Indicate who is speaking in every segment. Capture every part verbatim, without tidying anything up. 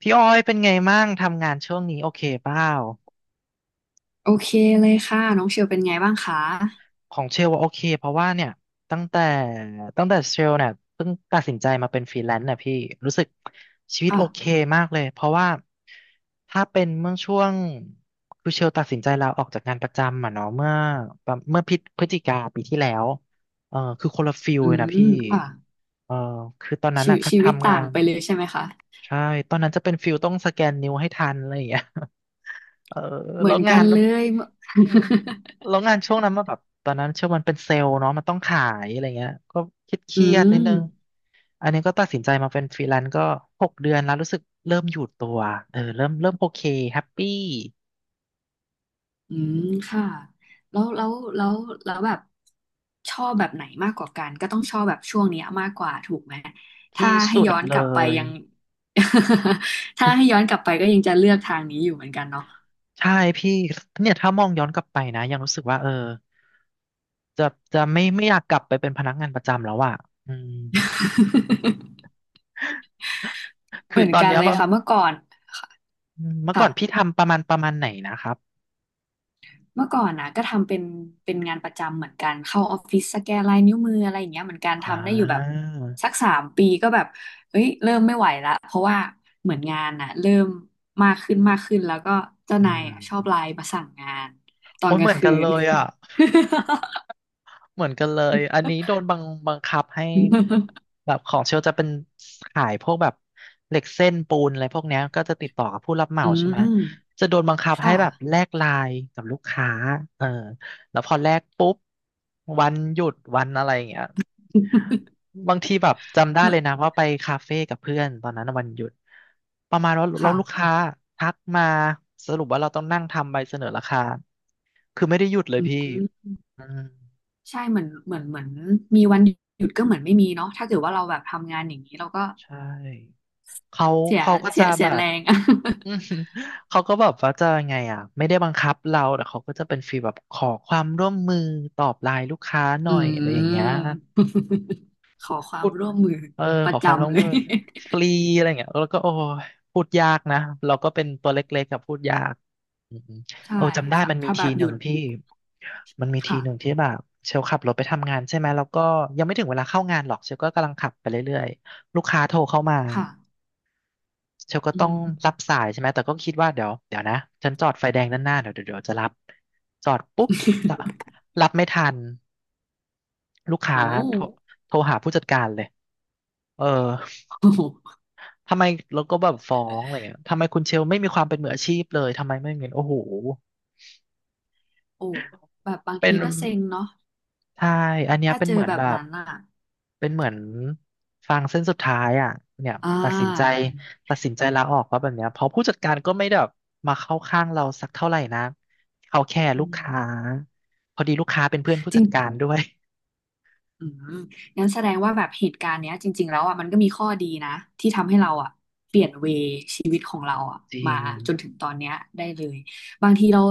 Speaker 1: พี่อ้อยเป็นไงมั่งทำงานช่วงนี้โอเคเปล่า
Speaker 2: โอเคเลยค่ะน้องเชลเป็นไงบ้างคะ
Speaker 1: ของเชลว่าโอเคเพราะว่าเนี่ยตั้งแต่ตั้งแต่เชลเนี่ยเพิ่งตัดสินใจมาเป็นฟรีแลนซ์น่ะพี่รู้สึกชีวิต
Speaker 2: ค่ะ
Speaker 1: โอเคมากเลยเพราะว่าถ้าเป็นเมื่อช่วงคือเชลตัดสินใจลาออกจากงานประจำอ่ะเนาะเมื่อประเมื่อพิจพฤศจิกาปีที่แล้วเออคือคนละฟิล
Speaker 2: อื
Speaker 1: เลยนะพี่
Speaker 2: มค่ะ
Speaker 1: เออคือตอนนั้น
Speaker 2: ชี
Speaker 1: อ่ะ
Speaker 2: วิต
Speaker 1: ค่ะ
Speaker 2: ชีวิต
Speaker 1: ทำงา
Speaker 2: ต่าง
Speaker 1: น
Speaker 2: ไปเลยใช่ไหมคะ
Speaker 1: ใช่ตอนนั้นจะเป็นฟิลต้องสแกนนิ้วให้ทันอะไรอย่างเงี้ย เออ
Speaker 2: เหมื
Speaker 1: แล้
Speaker 2: อ
Speaker 1: ว
Speaker 2: น
Speaker 1: งา
Speaker 2: กัน
Speaker 1: น
Speaker 2: เลย เมื่อ
Speaker 1: อื ม แล้วงานช่วงนั้นมาแบบตอนนั้นเชื่อมันเป็นเซลล์เนาะมันต้องขายอะไรเงี้ยก็คิดเค
Speaker 2: อื
Speaker 1: รียดๆนิด
Speaker 2: ม
Speaker 1: นึงอันนี้ก็ตัดสินใจมาเป็นฟรีแลนซ์ก็หกเดือนแล้วรู้สึกเริ่มอยู่ตัวเออเริ่มเริ่มโอเคแฮปปี้
Speaker 2: อืมค่ะแล้วแล้วแล้วแล้วแบบชอบแบบไหนมากกว่ากันก็ต้องชอบแบบช่วงเนี้ยมากกว่าถูกไหมถ้า
Speaker 1: ที่
Speaker 2: ให้
Speaker 1: สุด
Speaker 2: ย้อนก
Speaker 1: เล
Speaker 2: ลับไป
Speaker 1: ย
Speaker 2: ยัง ถ้าให้ย้อนกลับไปก็ยังจะเลือกทางนี้อยู่เหมือนกันเนาะ
Speaker 1: ใช่พี่เนี่ยถ้ามองย้อนกลับไปนะยังรู้สึกว่าเออจะจะไม่ไม่อยากกลับไปเป็นพนักงานประจำแล้วอ่ะอืม
Speaker 2: เห
Speaker 1: คื
Speaker 2: มื
Speaker 1: อ
Speaker 2: อน
Speaker 1: ตอน
Speaker 2: กัน
Speaker 1: เนี้ย
Speaker 2: เลย
Speaker 1: มัน
Speaker 2: ค่ะเมื่อก่อน
Speaker 1: อืมเมื่อก่อนพี่
Speaker 2: ค่ะ
Speaker 1: ทำประมาณประมาณไหนนะครับ
Speaker 2: เมื่อก่อนนะก็ทำเป็นเป็นงานประจำเหมือนกันเข้าออฟฟิศสแกนลายนิ้วมืออะไรอย่างเงี้ยเหมือนกัน
Speaker 1: อ่า
Speaker 2: ทำได้อยู่แบบสักสามปีก็แบบเอ้ยเริ่มไม่ไหวละเพราะว่าเหมือนงานน่ะเริ่มมากขึ้นมากขึ้นแล้วก็เจ้า
Speaker 1: อื
Speaker 2: นาย
Speaker 1: ม
Speaker 2: อะชอบไลน์มาสั่งงานตอ
Speaker 1: โอ้
Speaker 2: น
Speaker 1: ย
Speaker 2: ก
Speaker 1: เห
Speaker 2: ลาง
Speaker 1: มือน
Speaker 2: คื
Speaker 1: กันเล
Speaker 2: น
Speaker 1: ยอ่ะ เหมือนกันเลย อันนี้โดนบังบังคับให้ แบบของเชลจะเป็นขายพวกแบบเหล็กเส้นปูนอะไรพวกเนี้ยก็จะติดต่อกับผู้รับเหมา
Speaker 2: อื
Speaker 1: ใช่ไหม
Speaker 2: ม
Speaker 1: จะโดนบังคับให้
Speaker 2: ค่ะ
Speaker 1: แบบแลกไลน์กับลูกค้าเออแล้วพอแลกปุ๊บวันหยุดวันอะไรอย่างเงี้ยบางทีแบบจำ ได้
Speaker 2: เหมื
Speaker 1: เล
Speaker 2: อน
Speaker 1: ยนะว่าไปคาเฟ่กับเพื่อนตอนนั้นวันหยุดประมาณว่าเราลูก
Speaker 2: ค่ะ
Speaker 1: ค้าทักมาสรุปว่าเราต้องนั่งทำใบเสนอราคาคือไม่ได้หยุดเลย
Speaker 2: อื
Speaker 1: พี่
Speaker 2: ม
Speaker 1: อืม
Speaker 2: ใช่เหมือนเหมือนเหมือนมีวันหยุดก็เหมือนไม่มีเนาะถ้าเกิดว่าเราแบบทำงานอย่างนี้เราก็
Speaker 1: ใช่เขา
Speaker 2: เสีย
Speaker 1: เขาก็
Speaker 2: เสี
Speaker 1: จะ
Speaker 2: ยเสี
Speaker 1: แบ
Speaker 2: ยแร
Speaker 1: บ
Speaker 2: ง
Speaker 1: อืมเขาก็แบบว่าจะไงอ่ะไม่ได้บังคับเราแต่เขาก็จะเป็นฟีลแบบขอความร่วมมือตอบไลน์ลูกค้าห
Speaker 2: อื
Speaker 1: น่อยอะไรอย่าง
Speaker 2: ม
Speaker 1: เงี้ย
Speaker 2: ขอควา
Speaker 1: พู
Speaker 2: ม
Speaker 1: ด
Speaker 2: ร่วมมือ
Speaker 1: เออ
Speaker 2: ป
Speaker 1: ข
Speaker 2: ระ
Speaker 1: อความร่ว
Speaker 2: จำ
Speaker 1: ม
Speaker 2: เล
Speaker 1: มื
Speaker 2: ย
Speaker 1: อฟรีอะไรเงี้ยแล้วก็โอ้ยพูดยากนะเราก็เป็นตัวเล็กๆกับพูดยากอืม
Speaker 2: ใช่
Speaker 1: โอ้จำได้
Speaker 2: ค่ะ
Speaker 1: มันมี
Speaker 2: ถ้าแบ
Speaker 1: ที
Speaker 2: บ
Speaker 1: ห
Speaker 2: หยุ
Speaker 1: นึ่ง
Speaker 2: ด
Speaker 1: ที่มันมีทีหนึ่ง
Speaker 2: ค่ะ
Speaker 1: ที่แบบเชลขับรถไปทำงานใช่ไหมแล้วก็ยังไม่ถึงเวลาเข้างานหรอกเชลก็กำลังขับไปเรื่อยๆลูกค้าโทรเข้ามา
Speaker 2: ค่ะ
Speaker 1: เชลก็
Speaker 2: อื
Speaker 1: ต้อง
Speaker 2: ม
Speaker 1: รับสายใช่ไหม แต่ก็คิดว่าเดี๋ยวเดี๋ยวนะฉันจอดไฟแดงด้านหน้าเดี๋ยวเดี๋ยวเดี๋ยวจะรับจอดปุ๊บ รับไม่ทันลูกค้า
Speaker 2: โอ้
Speaker 1: โทรโทรหาผู้จัดการเลยเออ
Speaker 2: โอ้โห
Speaker 1: ทำไมเราก็แบบฟ้องอะไรเงี้ยทำไมคุณเชลไม่มีความเป็นมืออาชีพเลยทำไมไม่เงินโอ้โห
Speaker 2: โอ้แบบบาง
Speaker 1: เป็
Speaker 2: ที
Speaker 1: น
Speaker 2: ก็เซ็งเนาะ
Speaker 1: ใช่ อันเนี้ย
Speaker 2: ถ้า
Speaker 1: เป็น
Speaker 2: เจอ
Speaker 1: เหมือน
Speaker 2: แบบ
Speaker 1: แบบ
Speaker 2: นั้นอ่ะ
Speaker 1: เป็นเหมือนฟางเส้นสุดท้ายอ่ะเนี่ย
Speaker 2: อ่
Speaker 1: ตัดสินใจ
Speaker 2: า
Speaker 1: ตัดสินใจลาออกว่าแบบเนี้ยเพราะผู้จัดการก็ไม่ได้แบบมาเข้าข้างเราสักเท่าไหร่นะเขาแค่
Speaker 2: อื
Speaker 1: ลูก
Speaker 2: ม
Speaker 1: ค้าพอดีลูกค้าเป็นเพื่อนผู้จัดการด้วย
Speaker 2: อืมงั้นแสดงว่าแบบเหตุการณ์เนี้ยจริงๆแล้วอ่ะมันก็มีข้อดีนะที่ทำให้เราอ่ะเปลี่ยนเวชีวิตของเราอ่ะ
Speaker 1: จริ
Speaker 2: มา
Speaker 1: ง
Speaker 2: จนถึงตอนเนี้ยได้เลยบางทีเรา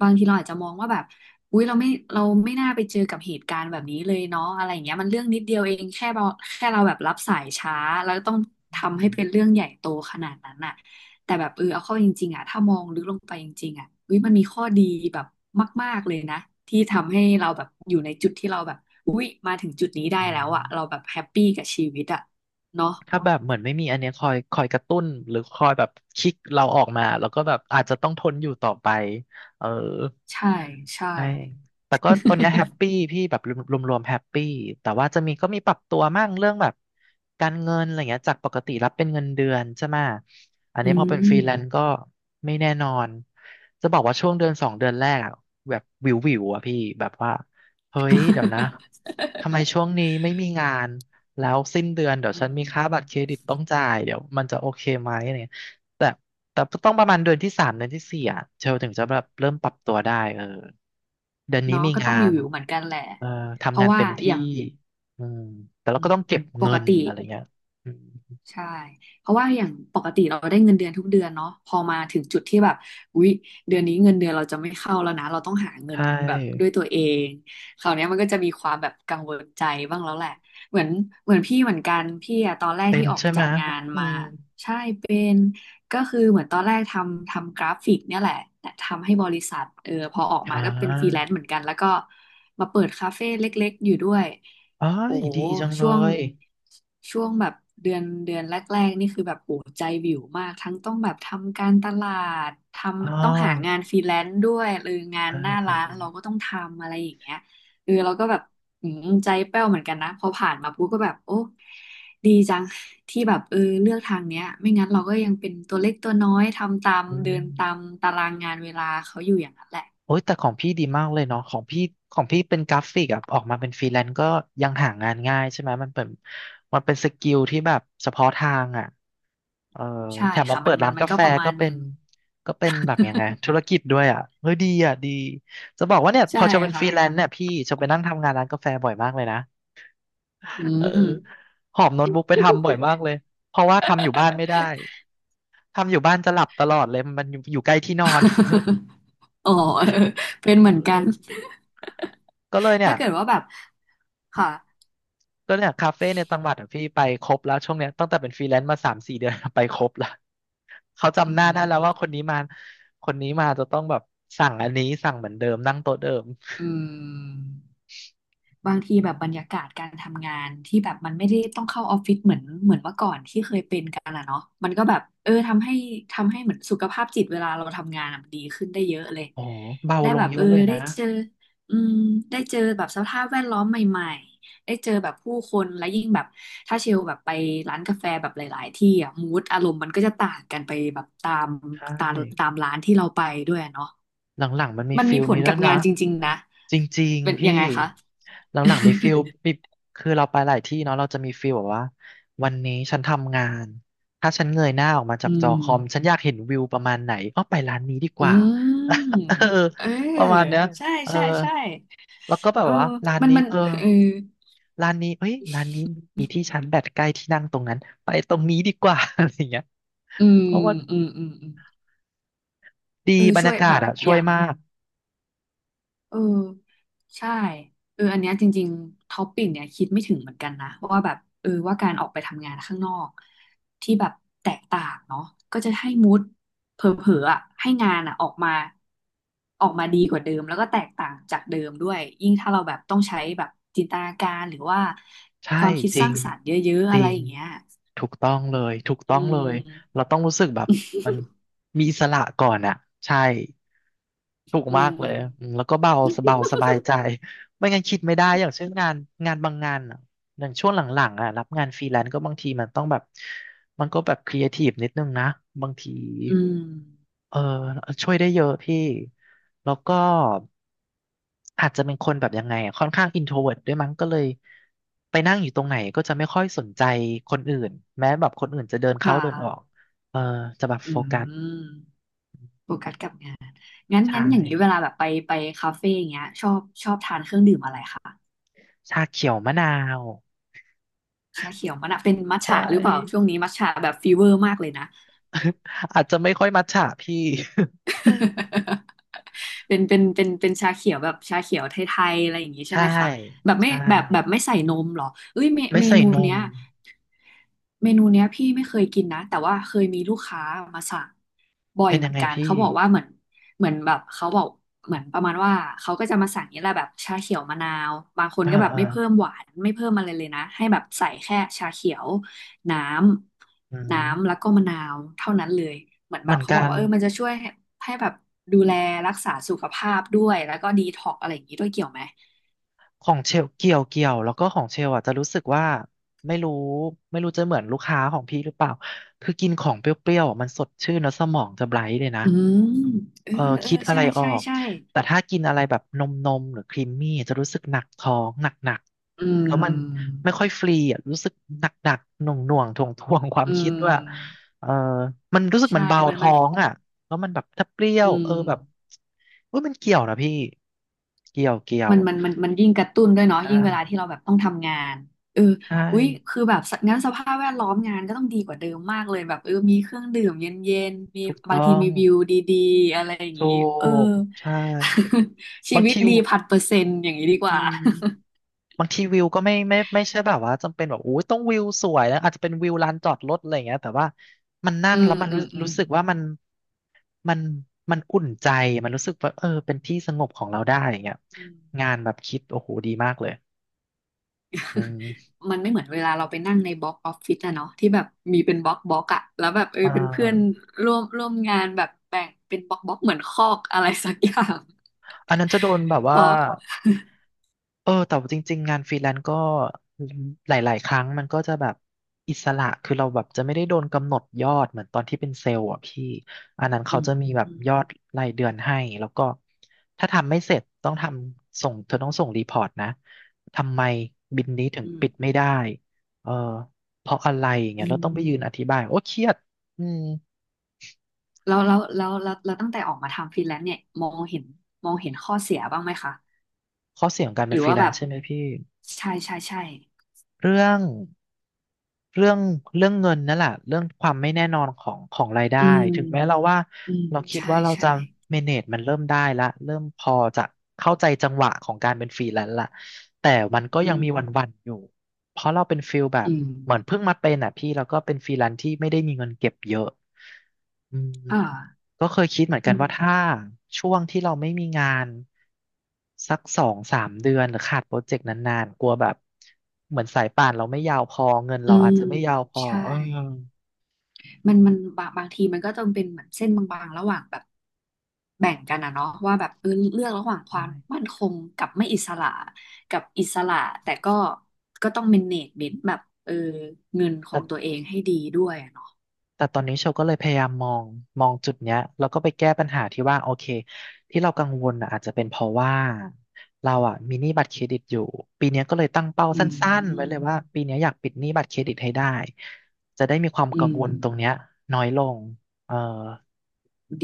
Speaker 2: บางทีเราอาจจะมองว่าแบบอุ๊ยเราไม่เราไม่น่าไปเจอกับเหตุการณ์แบบนี้เลยเนาะอะไรอย่างเงี้ยมันเรื่องนิดเดียวเองแค่เราแค่เราแบบรับสายช้าแล้วต้องทำให้
Speaker 1: อืม
Speaker 2: เป็นเรื่องใหญ่โตขนาดนั้นอ่ะ แต่แบบเออเอาเข้าจริงๆอ่ะถ้ามองลึกลงไปจริงๆอ่ะอุ้ยมันมีข้อดีแบบมากๆเลยนะที่ทำให้เราแบบอยู่ในจุดที่เราแบบอุ้ยมาถึงจุดนี้ได้
Speaker 1: อื
Speaker 2: แล้วอ่ะเรา
Speaker 1: ม
Speaker 2: แบบแฮปปี้กับชีวิตอ่ะเนาะ
Speaker 1: ถ้าแบบเหมือนไม่มีอันเนี้ยคอยคอยกระตุ้นหรือคอยแบบคิกเราออกมาแล้วก็แบบอาจจะต้องทนอยู่ต่อไปเออ
Speaker 2: ใช่ใช่
Speaker 1: ใช่แต่ก็ตอนเนี้ยแฮปปี้พี่แบบรวมรวมแฮปปี้แต่ว่าจะมีก็มีปรับตัวมั่งเรื่องแบบการเงินอะไรเงี้ยจากปกติรับเป็นเงินเดือนใช่ไหมะอัน
Speaker 2: อื
Speaker 1: นี้พอเป็นฟ
Speaker 2: ม
Speaker 1: รีแลนซ์ก็ไม่แน่นอนจะบอกว่าช่วงเดือนสองเดือนแรกอะแบบวิววิวอะพี่แบบว่าเฮ้ยเดี๋ยวนะ ทำไมช่วงนี้ไม่มีงาน แล้วสิ้นเดือนเดี๋ยว
Speaker 2: อื
Speaker 1: ฉันมี
Speaker 2: ม
Speaker 1: ค่าบัตรเครดิตต้องจ่ายเดี๋ยวมันจะโอเคไหมอะไรเงี้ยแต่แต่ต้องประมาณเดือนที่สามเดือนที่สี่อ่ะเชลถึงจะแบบเริ่มปรับตัวได้เออเดือนนี้
Speaker 2: เนาะ
Speaker 1: มี
Speaker 2: ก็ต้อ
Speaker 1: งา
Speaker 2: ง
Speaker 1: น
Speaker 2: วิวๆเหมือนกันแหละ
Speaker 1: เออ
Speaker 2: เพ
Speaker 1: ทำงา
Speaker 2: ราะ
Speaker 1: น
Speaker 2: ว่า
Speaker 1: เต็ม
Speaker 2: อ
Speaker 1: ที่
Speaker 2: ย่าง
Speaker 1: อืมแต่เรา
Speaker 2: อื
Speaker 1: ก็
Speaker 2: ม
Speaker 1: ต้องเก็บ
Speaker 2: ป
Speaker 1: เงิ
Speaker 2: ก
Speaker 1: น
Speaker 2: ติ
Speaker 1: อะไรเงี้ยอืม
Speaker 2: ใช่เพราะว่าอย่างปกติเราได้เงินเดือนทุกเดือนเนาะพอมาถึงจุดที่แบบอุ๊ยเดือนนี้เงินเดือนเราจะไม่เข้าแล้วนะเราต้องหาเงิ
Speaker 1: ใช
Speaker 2: นแบบด้ว
Speaker 1: ่
Speaker 2: ยตัวเองคราวเนี้ยมันก็จะมีความแบบกังวลใจบ้างแล้วแหละเหมือนเหมือนพี่เหมือนกัน พี่อะตอนแรก
Speaker 1: เป็
Speaker 2: ที่
Speaker 1: น
Speaker 2: ออก
Speaker 1: ใช่ไห
Speaker 2: จา
Speaker 1: ม
Speaker 2: กงาน
Speaker 1: อื
Speaker 2: มา
Speaker 1: ม
Speaker 2: ใช่เป็น ก็คือเหมือนตอนแรกทำทำกราฟิกเนี่ยแหละแต่ทำให้บริษัทเออพอออก
Speaker 1: อ่
Speaker 2: มาก็เป็นฟรีแลน
Speaker 1: า
Speaker 2: ซ์เหมือนกันแล้วก็มาเปิดคาเฟ่เล็กๆอยู่ด้วย
Speaker 1: อ๋อ
Speaker 2: โอ้
Speaker 1: ยดีจังเล
Speaker 2: ช่วง
Speaker 1: ย
Speaker 2: ช่วงแบบเดือนเดือนแรกๆนี่คือแบบโอ้ใจวิวมากทั้งต้องแบบทำการตลาดท
Speaker 1: อ๋อ
Speaker 2: ำต้องหางานฟรีแลนซ์ด้วยหรืองาน
Speaker 1: เออ
Speaker 2: หน้า
Speaker 1: เออ
Speaker 2: ร้าน
Speaker 1: เออ
Speaker 2: เราก็ต้องทำอะไรอย่างเงี้ยเออเราก็แบบอืมใจแป้วเหมือนกันนะพอผ่านมาปุ๊บก็แบบโอ้ ดีจังที่แบบเออเลือกทางเนี้ยไม่งั้นเราก็ยังเป็นตัวเล็กตัวน้อยทำตาม
Speaker 1: อื
Speaker 2: เดินตาม
Speaker 1: ม
Speaker 2: ตารางงานเวลาเขาอยู่อย่างนั้นแหละ
Speaker 1: โอ้ยแต่ของพี่ดีมากเลยเนาะของพี่ของพี่เป็นกราฟิกอะออกมาเป็นฟรีแลนซ์ก็ยังหางานง่ายใช่ไหมมันเป็นมันเป็นสกิลที่แบบเฉพาะทางอะเออ
Speaker 2: ใช่
Speaker 1: แถมมา
Speaker 2: ค่ะมั
Speaker 1: เปิ
Speaker 2: น
Speaker 1: ด
Speaker 2: มัน
Speaker 1: ร้าน
Speaker 2: มัน
Speaker 1: กา
Speaker 2: ก็
Speaker 1: แฟ
Speaker 2: ประมา
Speaker 1: ก็
Speaker 2: ณห
Speaker 1: เป็
Speaker 2: นึ่
Speaker 1: น
Speaker 2: ง
Speaker 1: ก็เป็นแบบยังไงธุรกิจด้วยอะเฮ้ยดีอะดีจะบอกว่าเนี่ยพ
Speaker 2: ใช่
Speaker 1: อเชลเป็นฟ
Speaker 2: ค่ะ
Speaker 1: รีแลนซ์เนี่ยพี่เชลไปนั่งทำงานร้านกาแฟบ่อยมากเลยนะ
Speaker 2: อื
Speaker 1: เออ
Speaker 2: ม
Speaker 1: หอบโน้ตบุ๊กไปทำบ่อยมากเลยเพราะว่าทำอยู่บ้านไม่ได้ทำอยู่บ้านจะหลับตลอดเลยมันอยู่อยู่ใกล้ที่นอน
Speaker 2: อ๋อเออเป็น
Speaker 1: เ
Speaker 2: เหมือนกัน
Speaker 1: ออก็เลย เนี่
Speaker 2: ถ้า
Speaker 1: ย
Speaker 2: เกิดว่าแบบค่ะ
Speaker 1: ก็เนี่ยคาเฟ่ในจังหวัดอะพี่ไปครบแล้วช่วงเนี้ยตั้งแต่เป็นฟรีแลนซ์มาสามสี่เดือน ไปครบแล้วเขา
Speaker 2: อื
Speaker 1: จำหน้าได้แล้วว่าคน
Speaker 2: ม
Speaker 1: นี้มาคนนี้มาจะต้องแบบสั่งอันนี้สั่งเหมือนเดิมนั่งโต๊ะเดิม
Speaker 2: อืม บางทีแบบบรรยากาศการทำงานที่แบบมันไม่ได้ต้องเข้าออฟฟิศเหมือนเหมือนเมื่อก่อนที่เคยเป็นกันอะเนาะมันก็แบบเออทำให้ทำให้เหมือนสุขภาพจิตเวลาเราทำงานอะมันดีขึ้นได้เยอะเลย
Speaker 1: โอ้อเบา
Speaker 2: ได้
Speaker 1: ล
Speaker 2: แบ
Speaker 1: ง
Speaker 2: บ
Speaker 1: เย
Speaker 2: เอ
Speaker 1: อะ
Speaker 2: อ
Speaker 1: เลย
Speaker 2: ได้
Speaker 1: นะ
Speaker 2: เจออืมได้เจอแบบสภาพแวดล้อมใหม่ๆได้เจอแบบผู้คนและยิ่งแบบถ้าเชลแบบไปร้านกาแฟแบบหลายๆที่อะมูดอารมณ์มันก็จะต่างกันไปแบบตาม
Speaker 1: ใช่
Speaker 2: ตามตามร้านที่เราไปด้วยอะเนาะ
Speaker 1: หลังๆมันมี
Speaker 2: มัน
Speaker 1: ฟิ
Speaker 2: มี
Speaker 1: ล
Speaker 2: ผล
Speaker 1: นี้ด้
Speaker 2: กั
Speaker 1: ว
Speaker 2: บ
Speaker 1: ยนะ
Speaker 2: งานจริงๆนะ
Speaker 1: จริง
Speaker 2: เป็น
Speaker 1: ๆ
Speaker 2: ยัง
Speaker 1: พี่
Speaker 2: ไงคะ
Speaker 1: หลังๆมีฟิล ปิคือเราไปหลายที่เนาะเราจะมีฟิลแบบว่าวันนี้ฉันทำงานถ้าฉันเงยหน้าออกมาจา
Speaker 2: อื
Speaker 1: กจ
Speaker 2: ม
Speaker 1: อคอมฉันอยากเห็นวิวประมาณไหนอ้อไปร้านนี้ดีก
Speaker 2: อื
Speaker 1: ว่า
Speaker 2: ม
Speaker 1: เออ
Speaker 2: เออ
Speaker 1: ประมาณเนี้ย
Speaker 2: ใช่
Speaker 1: เออ
Speaker 2: ใช่ใช่
Speaker 1: แล้วก็แบ
Speaker 2: เอ
Speaker 1: บ
Speaker 2: อ
Speaker 1: ว่าร้าน
Speaker 2: มัน
Speaker 1: นี้
Speaker 2: มัน
Speaker 1: เออ
Speaker 2: เออ
Speaker 1: ร้านนี้เอ้ยร้านนี้มีที่ชาร์จแบตใกล้ที่นั่งตรงนั้นไปตรงนี้ดีกว่า อะไรอย่างเงี้ย
Speaker 2: อืม
Speaker 1: เพราะว่า
Speaker 2: อืม อืม อืม
Speaker 1: ดี
Speaker 2: เออ
Speaker 1: บรร
Speaker 2: ช่ว
Speaker 1: ยา
Speaker 2: ย
Speaker 1: กา
Speaker 2: แบ
Speaker 1: ศ
Speaker 2: บ
Speaker 1: อะ
Speaker 2: อ
Speaker 1: ช่วย
Speaker 2: ย่าง
Speaker 1: มาก
Speaker 2: เออใช่เอออันเนี้ยจริงๆท็อปปิ้งเนี่ยคิดไม่ถึงเหมือนกันนะว่าแบบเออว่าการออกไปทำงานข้างนอกที่แบบแตกต่างเนาะก็จะให้มูดเผลอๆอะให้งานอะออกมาออกมาดีกว่าเดิมแล้วก็แตกต่างจากเดิมด้วยยิ่งถ้าเราแบบต้องใช้แบบจินตนาการหรือว่า
Speaker 1: ใช่
Speaker 2: ความคิด
Speaker 1: จ
Speaker 2: ส
Speaker 1: ริ
Speaker 2: ร้า
Speaker 1: ง
Speaker 2: งสรรค์เยอะๆ
Speaker 1: จ
Speaker 2: อะ
Speaker 1: ริ
Speaker 2: ไร
Speaker 1: ง
Speaker 2: อย่างเงี้ย
Speaker 1: ถูกต้องเลยถูก
Speaker 2: อื
Speaker 1: ต้องเลย
Speaker 2: ม
Speaker 1: เราต้องรู้สึกแบบมันมีอิสระก่อนอ่ะใช่ถูก
Speaker 2: อื
Speaker 1: มากเลยอื
Speaker 2: ม
Speaker 1: มแล้วก็เบาสบายสบายใจไม่งั้นคิดไม่ได้อย่างเช่นงานงานบางงานอะ อย่างช่วงหลังๆอ่ะรับงานฟรีแลนซ์ก็บางทีมันต้องแบบมันก็แบบครีเอทีฟนิดนึงนะบางที
Speaker 2: อืม
Speaker 1: เออช่วยได้เยอะพี่แล้วก็อาจจะเป็นคนแบบยังไงอะค่อนข้างอินโทรเวิร์ตด้วยมั้งก็เลยไปนั่งอยู่ตรงไหนก็จะไม่ค่อยสนใจคนอื่นแม้แบบคนอื่นจะเดินเข้า
Speaker 2: ค่ะ
Speaker 1: เดินออกเออจะแบบ
Speaker 2: อื
Speaker 1: โฟ
Speaker 2: ม
Speaker 1: กัส
Speaker 2: โฟกัสกับงานงั้น
Speaker 1: ใช่
Speaker 2: งั้นอย่างนี้เวลาแบบไปไปคาเฟ่อย่างเงี้ยชอบชอบทานเครื่องดื่มอะไรคะ
Speaker 1: ชาเขียวมะนาว
Speaker 2: ชาเขียวมะนาวเป็นมัท
Speaker 1: ใช
Speaker 2: ฉะหรือเปล่าช่ว
Speaker 1: ่
Speaker 2: งนี้มัทฉะแบบฟีเวอร์มากเลยนะ
Speaker 1: อาจจะไม่ค่อยมัทฉะพี่
Speaker 2: เป็นเป็นเป็นเป็นชาเขียวแบบชาเขียวไทยๆอะไรอย่างนี้ ใช่
Speaker 1: ใช่
Speaker 2: ไหมคะแบบไม่
Speaker 1: ใช่
Speaker 2: แบบแบบไม่ใส่นมเหรอเอ้ยเม
Speaker 1: ไม่
Speaker 2: เม
Speaker 1: ใส่
Speaker 2: นู
Speaker 1: น
Speaker 2: เนี้
Speaker 1: ม
Speaker 2: ยเมนูเนี้ยพี่ไม่เคยกินนะแต่ว่าเคยมีลูกค้ามาสั่งบ่อย
Speaker 1: เป็น
Speaker 2: เหมื
Speaker 1: ยั
Speaker 2: อ
Speaker 1: ง
Speaker 2: น
Speaker 1: ไง
Speaker 2: กันเขา
Speaker 1: พี่
Speaker 2: บอกว่าเหมือนเหมือนแบบเขาบอกเหมือนประมาณว่าเขาก็จะมาสั่งนี่แหละแบบชาเขียวมะนาวบางคน
Speaker 1: อ่า
Speaker 2: ก็แบบ
Speaker 1: อ่า
Speaker 2: ไม่เพิ่มหวานไม่เพิ่มอะไรเลยนะให้แบบใส่แค่ชาเขียว น้
Speaker 1: อื
Speaker 2: ำน้ำแล้ว
Speaker 1: ม
Speaker 2: ก็มะนาวเท่านั้นเลยเหมือนแบ
Speaker 1: เหมื
Speaker 2: บ
Speaker 1: อน
Speaker 2: เขา
Speaker 1: กั
Speaker 2: บอก
Speaker 1: น
Speaker 2: ว่าเออมันจะช่วยให้ให้แบบดูแลรักษาสุขภาพด้วยแล้วก็ดีท็อกอะไรอย่างนี้ด้วยเกี่ยวไหม
Speaker 1: ของเชลเกี่ยวเกี่ยวแล้วก็ของเชลอ่ะจะรู้สึกว่าไม่รู้ไม่รู้จะเหมือนลูกค้าของพี่หรือเปล่าคือกินของเปรี้ยวๆอะมันสดชื่นแล้วสมองจะไบรท์เลยนะ
Speaker 2: อืมเออ
Speaker 1: เออ
Speaker 2: เออ
Speaker 1: คิดอะ
Speaker 2: ใช่
Speaker 1: ไรออ
Speaker 2: ใช่
Speaker 1: ก
Speaker 2: ใช่
Speaker 1: แต่ถ้ากินอะไรแบบนมนมหรือครีมมี่จะรู้สึกหนักท้องหนักหนัก
Speaker 2: อื
Speaker 1: แล้วมัน
Speaker 2: ม
Speaker 1: ไม่ค่อยฟรีอ่ะรู้สึกหนักหนักหน่วงหน่วงถ่วงถ่วงความ
Speaker 2: อื
Speaker 1: คิดว่า
Speaker 2: ม
Speaker 1: เออมันรู้สึก
Speaker 2: ใช่
Speaker 1: มันเบา
Speaker 2: มันมั
Speaker 1: ท้
Speaker 2: น
Speaker 1: องอ่ะแล้วมันแบบถ้าเปรี้ยว
Speaker 2: อื
Speaker 1: เอ
Speaker 2: ม
Speaker 1: อแบบเอยมันเกี่ยวนะพี่เกี่ยวเกี่ย
Speaker 2: มั
Speaker 1: ว
Speaker 2: นมันมันมันยิ่งกระตุ้นด้วยเนาะ
Speaker 1: ใช
Speaker 2: ยิ่งเวลาที่
Speaker 1: ่
Speaker 2: เราแบบต้องทำงานเออ
Speaker 1: ใช่
Speaker 2: อุ๊ยคือแบบสงั้นสภาพแวดล้อมงานก็ต้องดีกว่าเดิมมากเลยแบบเออมีเครื่องดื่มเย็นๆมี
Speaker 1: ถูก
Speaker 2: บา
Speaker 1: ต้
Speaker 2: งที
Speaker 1: อง
Speaker 2: มีวิวดีๆอะไรอย่าง
Speaker 1: ถู
Speaker 2: นี้เออ
Speaker 1: กใช่
Speaker 2: ชี
Speaker 1: บาง
Speaker 2: วิต
Speaker 1: ที
Speaker 2: ดีพันเปอร์เซ็นต์อย่างนี้ดีกว่า
Speaker 1: บางทีวิวก็ไม่ไม่ไม่ใช่แบบว่าจำเป็นแบบโอ้ยต้องวิวสวยนะอาจจะเป็นวิวลานจอดรถอะไรอย่างเงี้ยแต่ว่ามันนั่
Speaker 2: อื
Speaker 1: งแล้
Speaker 2: ม
Speaker 1: วมัน
Speaker 2: อื
Speaker 1: รู้
Speaker 2: มอืม
Speaker 1: รู้สึกว่ามันมันมันอุ่นใจมันรู้สึกว่าเออเป็นที่สงบของเราได้อย่างเงี้ย
Speaker 2: อืม
Speaker 1: งานแบบคิดโอ้โหดีมากเลยอืม
Speaker 2: มันไม่เหมือนเวลาเราไปนั่งในบล็อกออฟฟิศอะเนาะที่แบบมีเป็นบล็อกบล็อกอะแล้วแบบเออ
Speaker 1: อ่
Speaker 2: เป็นเพื่อน
Speaker 1: า
Speaker 2: ร่วมร่วมงานแบบแบ่งเป็นบล็อกบล็อกเหมือนคอกอะไรสักอย่าง
Speaker 1: อันนั้นจะโดนแบบ
Speaker 2: เพ
Speaker 1: ว่า
Speaker 2: ราะ
Speaker 1: เออแต่ว่าจริงๆงานฟรีแลนซ์ก็หลายๆครั้งมันก็จะแบบอิสระคือเราแบบจะไม่ได้โดนกำหนดยอดเหมือนตอนที่เป็นเซลล์อ่ะพี่อันนั้น
Speaker 2: อื
Speaker 1: เขา
Speaker 2: ม
Speaker 1: จะมีแบบ
Speaker 2: อืม
Speaker 1: ยอดรายเดือนให้แล้วก็ถ้าทำไม่เสร็จต้องทำส่งเธอต้องส่งรีพอร์ตนะทำไมบินนี้ถึง
Speaker 2: อืม
Speaker 1: ปิดไม่ได้เออเพราะอะไรอย่างเงี้
Speaker 2: อื
Speaker 1: ยเรา
Speaker 2: ม
Speaker 1: ต้องไปยืนอธิบายโอ้เครียดอืม
Speaker 2: แล้วแล้วแล้วแล้วแล้วตั้งแต่ออกมาทำฟรีแลนซ์เนี่ยมองเห็นมองเห็นข้อเสียบ้างไหมคะ
Speaker 1: ข้อเสียของการ
Speaker 2: ห
Speaker 1: เป็
Speaker 2: รื
Speaker 1: น
Speaker 2: อ
Speaker 1: ฟรี
Speaker 2: ว่า
Speaker 1: แล
Speaker 2: แบ
Speaker 1: น
Speaker 2: บ
Speaker 1: ซ์ใช่ไหมพี่
Speaker 2: ใช่ใช่ใช่
Speaker 1: เรื่องเรื่องเรื่องเงินนั่นแหละเรื่องความไม่แน่นอนของของรายได้
Speaker 2: อืม
Speaker 1: ถึงแม้เราว่า
Speaker 2: อืม
Speaker 1: เราคิด
Speaker 2: ใช่
Speaker 1: ว่าเรา
Speaker 2: ใช่
Speaker 1: จะ manage มันเริ่มได้ละเริ่มพอจะเข้าใจจังหวะของการเป็นฟรีแลนซ์ละแต่มันก็
Speaker 2: อื
Speaker 1: ยัง
Speaker 2: ม
Speaker 1: มีวันๆอยู่เพราะเราเป็นฟิลแบบ
Speaker 2: อืม
Speaker 1: เหมือนเพิ่งมาเป็นอ่ะพี่แล้วก็เป็นฟรีแลนซ์ที่ไม่ได้มีเงินเก็บเยอะ อืม
Speaker 2: อ่า
Speaker 1: ก็เคยคิดเหมือน
Speaker 2: อื
Speaker 1: กัน
Speaker 2: ม
Speaker 1: ว่าถ้าช่วงที่เราไม่มีงานสักสองสามเดือนหรือขาดโปรเจกต์นานๆกลัวแบบเหมือนสายป่านเราไม่ยาวพอเงิน
Speaker 2: อื
Speaker 1: เราอาจ
Speaker 2: ม
Speaker 1: จะไม่ยาวพอ
Speaker 2: ใช่
Speaker 1: เอ
Speaker 2: มันมันบางบางทีมันก็ต้องเป็นเหมือนเส้นบางๆ ระหว่างแบบแบ่งกันนะเนาะว่าแบบเออเลือกระหว่างความมั่นคงกับไม่อิสระกับอิสระแต่ก็ก็ต้องเมเนจเมนต์แบบเออเงินของตัว
Speaker 1: อ
Speaker 2: เองให้ดีด้วยอะเนาะ
Speaker 1: แต่ตอนนี้โชลก็เลยพยายามมองมองจุดเนี้ยแล้วก็ไปแก้ปัญหาที่ว่าโอเคที่เรากังวลน่ะอาจจะเป็นเพราะว่าเราอ่ะมีหนี้บัตรเครดิตอยู่ปีเนี้ยก็เลยตั้งเป้า
Speaker 2: อื
Speaker 1: สั้นๆไว้เล
Speaker 2: ม
Speaker 1: ยว่าปีเนี้ยอยากปิดหนี้บัตรเครดิตให้ได้จะได้มีความ
Speaker 2: อื
Speaker 1: กังวลตรงเนี้
Speaker 2: ม
Speaker 1: ยน้อยลงเออ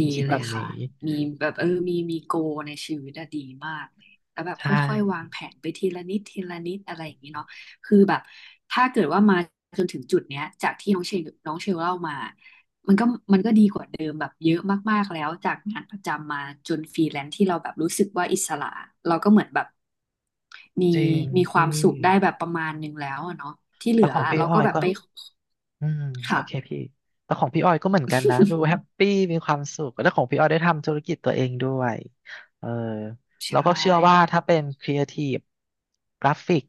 Speaker 2: ดี
Speaker 1: คิด
Speaker 2: เล
Speaker 1: แบ
Speaker 2: ย
Speaker 1: บ
Speaker 2: ค่ะ
Speaker 1: นี้
Speaker 2: มีแบบเออมีมีโกในชีวิตอะดีมากเลยแล้วแบบ
Speaker 1: ใช
Speaker 2: ค่อยๆวาง
Speaker 1: ่
Speaker 2: แผนไปทีละนิดทีละนิดอะไรอย่างนี้เนาะคือแบบถ้าเกิดว่ามาจนถึงจุดเนี้ยจากที่น้องเชลน้องเชลเล่ามา ก็ดีกว่าเดิมแบบเยอะมากๆแล้วจากงานประจำมาจนฟรีแลนซ์ที่เราแบบรู้สึกว่าอิสระเราก็เหมือนแบบมี
Speaker 1: จริง
Speaker 2: มีควา
Speaker 1: พี่
Speaker 2: มสุขได้แบบประมาณหนึ่งแล้วอะเนาะที่เหลื
Speaker 1: แต่
Speaker 2: อ
Speaker 1: ของพี่
Speaker 2: เรา
Speaker 1: อ้อ
Speaker 2: ก็
Speaker 1: ย
Speaker 2: แบบ
Speaker 1: ก็
Speaker 2: ไป
Speaker 1: อืมโอเค
Speaker 2: ค่ะ
Speaker 1: พี่แต่ของพี่ออยก็เหมือนกันนะดูแฮปปี้มีความสุขแล้วของพี่ออยได้ทำธุรกิจตัวเองด้วยเออ
Speaker 2: ใช
Speaker 1: แล้วก็เชื่อว่า
Speaker 2: ่
Speaker 1: ถ้าเป็นครีเอทีฟกราฟิก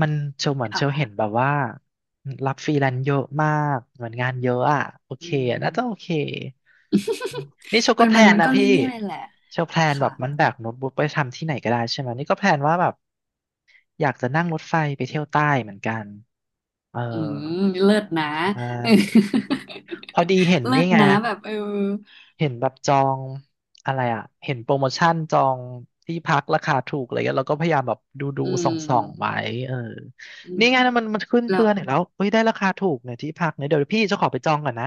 Speaker 1: มันเชลเหมือนเชลเห็น
Speaker 2: ค่ะ
Speaker 1: แบบว่ารับฟรีแลนซ์เยอะมากเหมือนงานเยอะอ่ะโอ
Speaker 2: อื
Speaker 1: เค
Speaker 2: ม
Speaker 1: น่าจะโอเคนี่เช
Speaker 2: มั
Speaker 1: ก็
Speaker 2: น
Speaker 1: แพ
Speaker 2: มั
Speaker 1: ล
Speaker 2: น
Speaker 1: น
Speaker 2: มัน
Speaker 1: นะ
Speaker 2: ก็
Speaker 1: พี่
Speaker 2: เรื่อยๆแหละ
Speaker 1: เชลแพลนแบ
Speaker 2: ค่ะ
Speaker 1: บมันแบกโน้ตบุ๊กไปทำที่ไหนก็ได้ใช่ไหมนี่ก็แพลนว่าแบบอยากจะนั่งรถไฟไปเที่ยวใต้เหมือนกันเออ
Speaker 2: อืมเลิศนะ
Speaker 1: ใช่ พอดีเห็ น
Speaker 2: เลิ
Speaker 1: นี่
Speaker 2: ศ
Speaker 1: ไง
Speaker 2: นะแบบเออ
Speaker 1: เห็นแบบจองอะไรอ่ะ เห็นโปรโมชั่นจองที่พักราคาถูกอะไรเงี้ยเราก็พยายามแบบดูดู
Speaker 2: อื
Speaker 1: ส่องส่
Speaker 2: ม
Speaker 1: องไว้เออ
Speaker 2: อืม
Speaker 1: นี่ไงนะมันมันขึ้น
Speaker 2: แล้
Speaker 1: เตื
Speaker 2: ว
Speaker 1: อนเห็นแล้วเฮ้ยได้ราคาถูกเนี่ยที่พักเนี่ยเดี๋ยวพี่จะขอไปจองก่อนนะ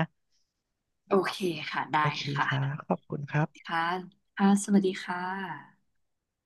Speaker 2: โอเคค่ะได้
Speaker 1: โอเคค่ะ
Speaker 2: ค่ะ
Speaker 1: ขอบคุณครับ
Speaker 2: ค่ะค่ะสวัสดีค่ะ